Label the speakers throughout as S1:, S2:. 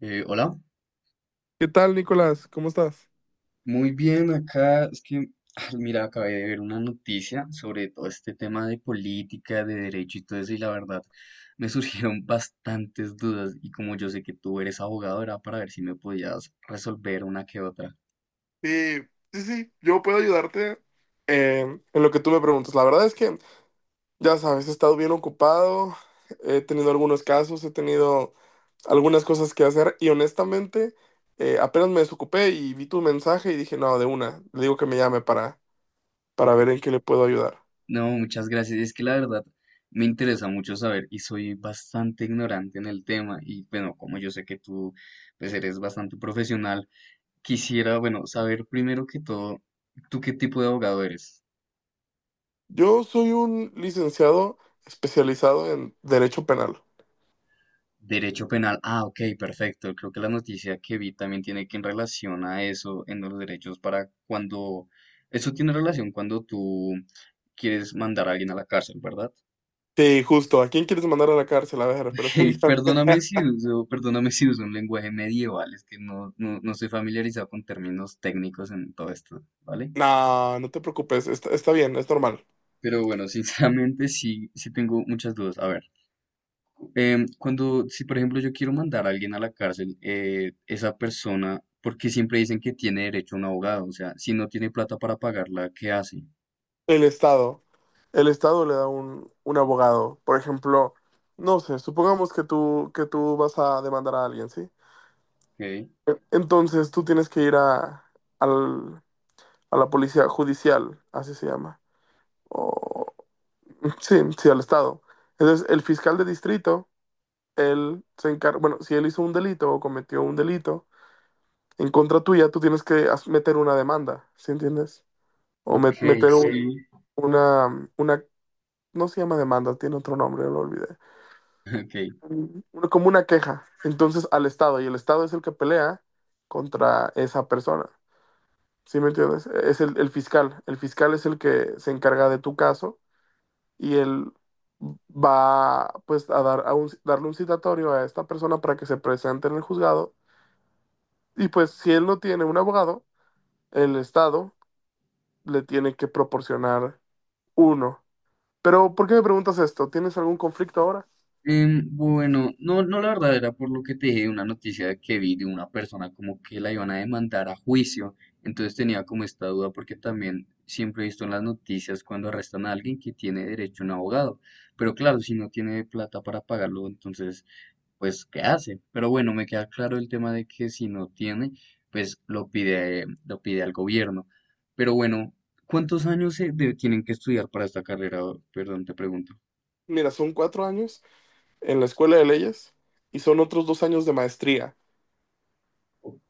S1: Hola,
S2: ¿Qué tal, Nicolás? ¿Cómo estás?
S1: muy bien acá. Es que, mira, acabé de ver una noticia sobre todo este tema de política, de derecho y todo eso, y la verdad me surgieron bastantes dudas. Y como yo sé que tú eres abogado, era para ver si me podías resolver una que otra.
S2: Sí, sí, sí, yo puedo ayudarte eh, en lo que tú me preguntas. La verdad es que, ya sabes, he estado bien ocupado, he tenido algunos casos, he tenido algunas cosas que hacer y honestamente apenas me desocupé y vi tu mensaje y dije, no, de una, le digo que me llame para ver en qué le puedo ayudar.
S1: No, muchas gracias. Es que la verdad me interesa mucho saber y soy bastante ignorante en el tema. Y bueno, como yo sé que tú pues eres bastante profesional, quisiera, bueno, saber primero que todo, ¿tú qué tipo de abogado eres?
S2: Yo soy un licenciado especializado en Derecho Penal.
S1: Derecho penal. Ah, ok, perfecto. Creo que la noticia que vi también tiene que en relación a eso, en los derechos para cuando... Eso tiene relación cuando tú quieres mandar a alguien a la cárcel, ¿verdad?
S2: Sí, justo, ¿a quién quieres mandar a la cárcel? A ver,
S1: Ok,
S2: pregunta.
S1: perdóname si uso un lenguaje medieval, es que no estoy familiarizado con términos técnicos en todo esto, ¿vale?
S2: No, no te preocupes, está bien, es normal.
S1: Pero bueno, sinceramente sí, sí tengo muchas dudas. A ver. Cuando, si por ejemplo yo quiero mandar a alguien a la cárcel, esa persona, porque siempre dicen que tiene derecho a un abogado, o sea, si no tiene plata para pagarla, ¿qué hace?
S2: El Estado, el Estado le da un abogado. Por ejemplo, no sé, supongamos que tú vas a demandar a alguien, ¿sí?
S1: Ok,
S2: Entonces tú tienes que ir al- a la policía judicial, así se llama. O, sí, sí, al Estado. Entonces el fiscal de distrito, él se encarga, bueno, si él hizo un delito o cometió un delito en contra tuya, tú tienes que meter una demanda, ¿sí entiendes? O
S1: ok,
S2: meter. Ok.
S1: sí,
S2: Una, no se llama demanda, tiene otro nombre, lo olvidé.
S1: ok.
S2: Un- Como una queja. Entonces al Estado, y el Estado es el que pelea contra esa persona. ¿Sí me entiendes? Es el fiscal. El fiscal es el que se encarga de tu caso y él va pues a dar a darle un citatorio a esta persona para que se presente en el juzgado. Y pues si él no tiene un abogado, el Estado le tiene que proporcionar uno. Pero, ¿por qué me preguntas esto? ¿Tienes algún conflicto ahora?
S1: Bueno, no, no la verdad era por lo que te dije, una noticia que vi de una persona como que la iban a demandar a juicio, entonces tenía como esta duda porque también siempre he visto en las noticias cuando arrestan a alguien que tiene derecho a un abogado, pero claro, si no tiene plata para pagarlo, entonces, pues, ¿qué hace? Pero bueno, me queda claro el tema de que si no tiene, pues lo pide al gobierno. Pero bueno, ¿cuántos años se de- tienen que estudiar para esta carrera? Perdón, te pregunto.
S2: Mira, son 4 años en la escuela de leyes y son otros 2 años de maestría.
S1: Ok,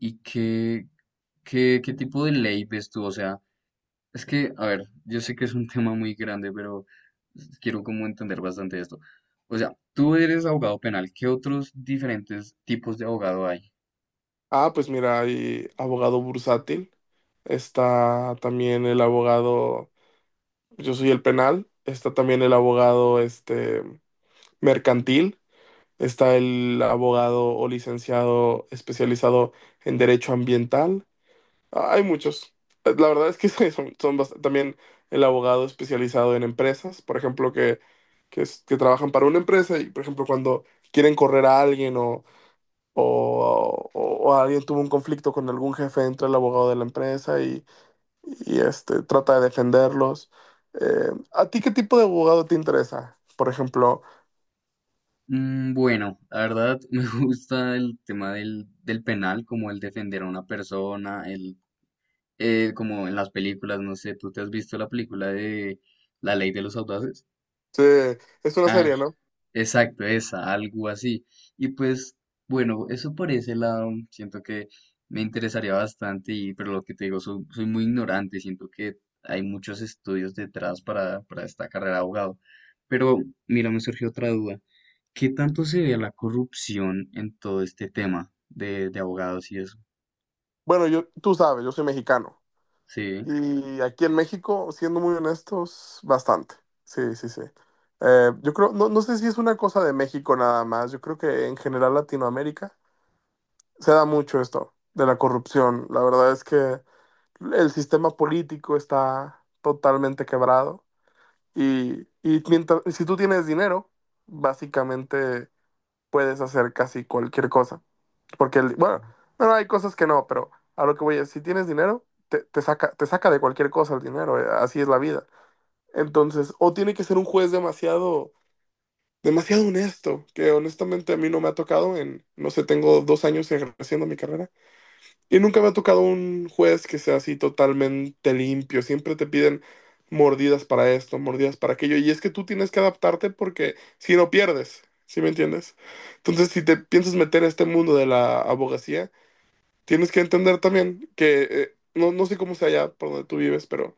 S1: ¿y qué, qué tipo de ley ves tú? O sea, es que, a ver, yo sé que es un tema muy grande, pero quiero como entender bastante esto. O sea, tú eres abogado penal, ¿qué otros diferentes tipos de abogado hay?
S2: Ah, pues mira, hay abogado bursátil, está también el abogado, yo soy el penal, está también el abogado mercantil, está el abogado o licenciado especializado en derecho ambiental. Ah, hay muchos. La verdad es que también el abogado especializado en empresas, por ejemplo, que trabajan para una empresa y, por ejemplo, cuando quieren correr a alguien o alguien tuvo un conflicto con algún jefe, entra el abogado de la empresa y trata de defenderlos. ¿A ti qué tipo de abogado te interesa? Por ejemplo,
S1: Mm, bueno, la verdad me gusta el tema del penal, como el defender a una persona, el, como en las películas, no sé, ¿tú te has visto la película de La Ley de los Audaces?
S2: sí, es una
S1: Ah,
S2: serie, ¿no?
S1: exacto, esa, algo así. Y pues, bueno, eso por ese lado, siento que me interesaría bastante, y, pero lo que te digo, soy, soy muy ignorante, siento que hay muchos estudios detrás para esta carrera de abogado. Pero, mira, me surgió otra duda. ¿Qué tanto se ve la corrupción en todo este tema de abogados y eso?
S2: Bueno, yo, tú sabes, yo soy mexicano.
S1: Sí.
S2: Y aquí en México, siendo muy honestos, bastante. Sí, sí, sí. Yo creo, no sé si es una cosa de México nada más, yo creo que en general Latinoamérica se da mucho esto de la corrupción. La verdad es que el sistema político está totalmente quebrado y mientras, si tú tienes dinero, básicamente puedes hacer casi cualquier cosa. Porque, bueno, no, hay cosas que no, pero a lo que voy es, si tienes dinero, te saca de cualquier cosa el dinero, así es la vida. Entonces, o tiene que ser un juez demasiado, demasiado honesto, que honestamente a mí no me ha tocado en, no sé, tengo 2 años ejerciendo mi carrera, y nunca me ha tocado un juez que sea así totalmente limpio, siempre te piden mordidas para esto, mordidas para aquello, y es que tú tienes que adaptarte porque si no pierdes, ¿sí me entiendes? Entonces, si te piensas meter a este mundo de la abogacía, tienes que entender también que no sé cómo sea allá por donde tú vives, pero,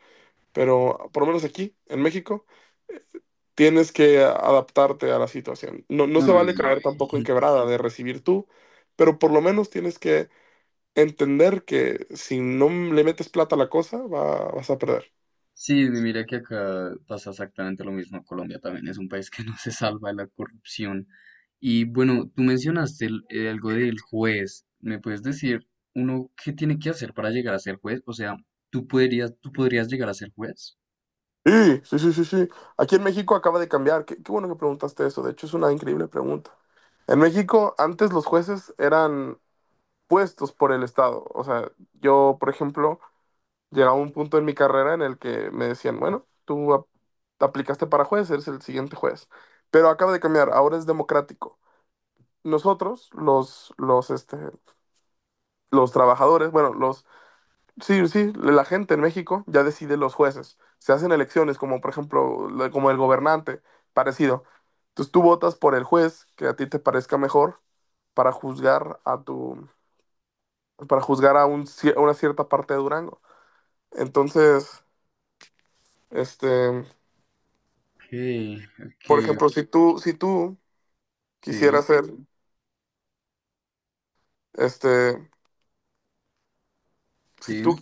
S2: por lo menos aquí, en México, eh, tienes que adaptarte a la situación. No, no se
S1: No,
S2: vale
S1: y,
S2: caer tampoco en quebrada de recibir tú, pero por lo menos tienes que entender que si no le metes plata a la cosa, vas a perder.
S1: sí, mira que acá pasa exactamente lo mismo. Colombia también es un país que no se salva de la corrupción. Y bueno, tú mencionaste el- algo del juez. ¿Me puedes decir uno qué tiene que hacer para llegar a ser juez? O sea, tú podrías llegar a ser juez?
S2: Sí, sí, sí, sí, sí. Aquí en México acaba de cambiar. Qué bueno que preguntaste eso. De hecho, es una increíble pregunta. En México, antes los jueces eran puestos por el Estado. O sea, yo, por ejemplo, llegaba un punto en mi carrera en el que me decían, bueno, tú aplicaste para juez, eres el siguiente juez. Pero acaba de cambiar, ahora es democrático. Nosotros, los trabajadores, bueno, sí, sí, la gente en México ya decide los jueces. Se hacen elecciones, como por ejemplo, como el gobernante, parecido. Entonces tú votas por el juez que a ti te parezca mejor para juzgar a tu, para juzgar a una cierta parte de Durango. Entonces, este,
S1: Ok, ok,
S2: por ejemplo, si tú
S1: sí,
S2: quisieras ser, este, si
S1: sí,
S2: tú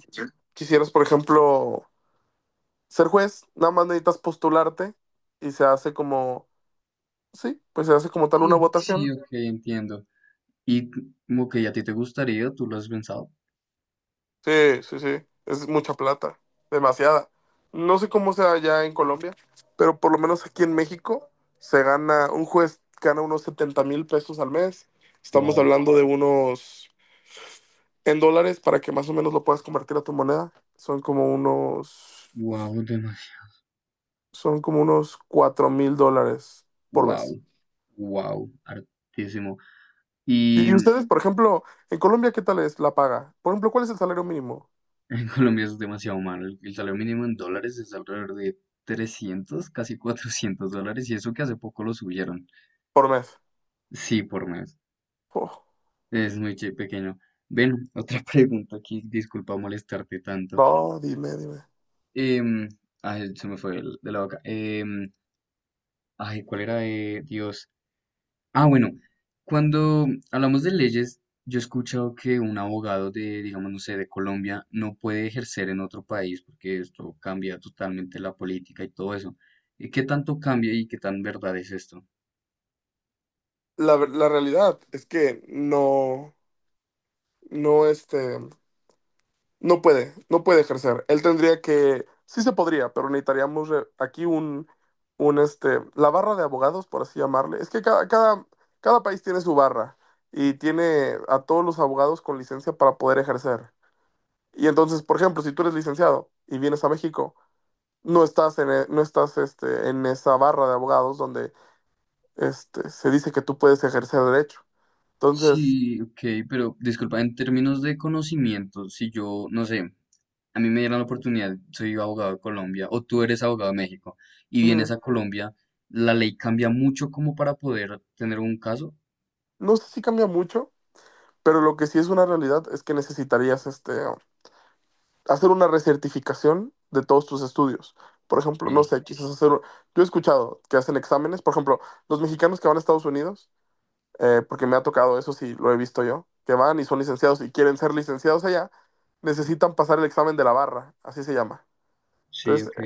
S2: quisieras, por ejemplo, ser juez, nada más necesitas postularte y se hace como, sí, pues se hace como tal una
S1: sí, sí,
S2: votación.
S1: ok, entiendo. Y como que a ti te gustaría, ¿tú lo has pensado?
S2: Sí, sí, sí, es mucha plata, demasiada. No sé cómo sea allá en Colombia, pero por lo menos aquí en México se gana, un juez gana unos 70,000 pesos al mes. Estamos
S1: Wow,
S2: hablando de unos, en dólares, para que más o menos lo puedas convertir a tu moneda,
S1: wow, demasiado.
S2: son como unos $4,000 por
S1: Wow,
S2: mes.
S1: wow, hartísimo. Y
S2: Y ustedes, por ejemplo, en Colombia, ¿qué tal es la paga? Por ejemplo, ¿cuál es el salario mínimo
S1: En Colombia es demasiado malo. El salario mínimo en dólares es alrededor de 300, casi 400 dólares, y eso que hace poco lo subieron.
S2: por mes?
S1: Sí, por mes.
S2: Oh,
S1: Es muy che- pequeño. Ven, otra pregunta aquí. Disculpa molestarte tanto.
S2: no, dime, dime.
S1: Em, ay, se me fue el- de la boca. Ay, ¿cuál era de Dios? Ah, bueno, cuando hablamos de leyes, yo he escuchado que un abogado de, digamos, no sé, de Colombia no puede ejercer en otro país porque esto cambia totalmente la política y todo eso. ¿Y qué tanto cambia y qué tan verdad es esto?
S2: La realidad es que no, no, este, no puede ejercer. Él tendría que, sí se podría, pero necesitaríamos aquí la barra de abogados, por así llamarle. Es que cada país tiene su barra y tiene a todos los abogados con licencia para poder ejercer. Y entonces, por ejemplo, si tú eres licenciado y vienes a México, no estás en esa barra de abogados donde se dice que tú puedes ejercer derecho. Entonces,
S1: Sí, ok, pero disculpa, en términos de conocimiento, si yo, no sé, a mí me dieran la oportunidad, soy abogado de Colombia o tú eres abogado de México y vienes
S2: mm,
S1: a Colombia, ¿la ley cambia mucho como para poder tener un caso?
S2: no sé si cambia mucho, pero lo que sí es una realidad es que necesitarías hacer una recertificación de todos tus estudios. Por ejemplo, no
S1: Ok,
S2: sé, quizás hacer... Yo he escuchado que hacen exámenes, por ejemplo, los mexicanos que van a Estados Unidos porque me ha tocado, eso sí, lo he visto yo, que van y son licenciados y quieren ser licenciados allá, necesitan pasar el examen de la barra, así se llama.
S1: sí,
S2: Entonces,
S1: ok,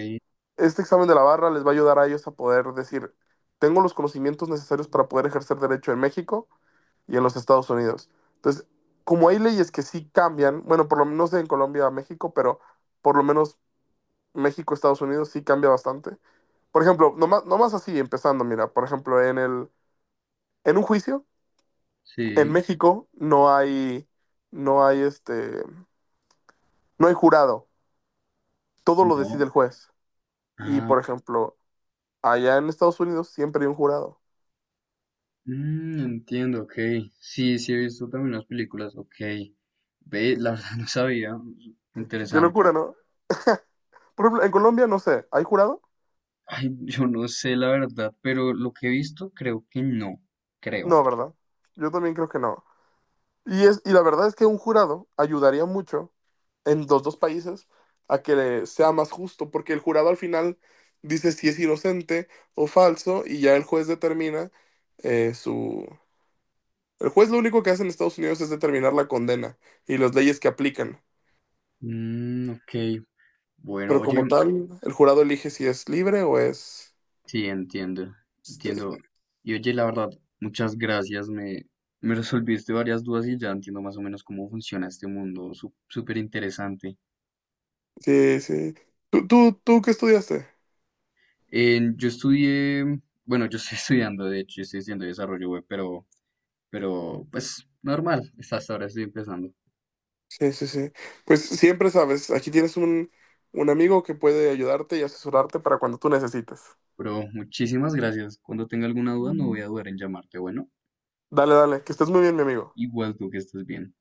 S2: este examen de la barra les va a ayudar a ellos a poder decir, tengo los conocimientos necesarios para poder ejercer derecho en México y en los Estados Unidos. Entonces, como hay leyes que sí cambian, bueno, por lo menos en Colombia a México, pero por lo menos México, Estados Unidos sí cambia bastante. Por ejemplo, nomás así, empezando, mira, por ejemplo, en un juicio, en
S1: sí.
S2: México no hay, no hay este, no hay jurado. Todo lo decide
S1: No.
S2: el juez. Y
S1: Ah,
S2: por ejemplo, allá en Estados Unidos siempre hay un jurado.
S1: mm, entiendo, ok. Sí, sí he visto también las películas, ok. Ve, la verdad no sabía.
S2: Qué
S1: Interesante.
S2: locura, ¿no? Por ejemplo, en Colombia no sé, ¿hay jurado?
S1: Ay, yo no sé la verdad, pero lo que he visto creo que no. Creo.
S2: No, ¿verdad? Yo también creo que no. Y la verdad es que un jurado ayudaría mucho en los dos países a que sea más justo, porque el jurado al final dice si es inocente o falso y ya el juez determina su El juez lo único que hace en Estados Unidos es determinar la condena y las leyes que aplican.
S1: Mm, ok. Bueno,
S2: Pero
S1: oye,
S2: como tal, el jurado elige si es libre o es...
S1: sí, entiendo.
S2: Este,
S1: Entiendo. Y oye, la verdad, muchas gracias. Me resolviste varias dudas y ya entiendo más o menos cómo funciona este mundo. Súper interesante.
S2: sí, sí. ¿Tú qué estudiaste?
S1: En- yo estudié, bueno, yo estoy estudiando, de hecho, yo estoy estudiando desarrollo web, pero pues normal, hasta hasta ahora estoy empezando.
S2: Sí, sí, sí. Pues siempre sabes, aquí tienes un amigo que puede ayudarte y asesorarte para cuando tú necesites.
S1: Pero muchísimas gracias. Cuando tenga alguna duda, no voy a dudar en llamarte. Bueno,
S2: Dale, dale, que estés muy bien, mi amigo.
S1: igual tú que estés bien.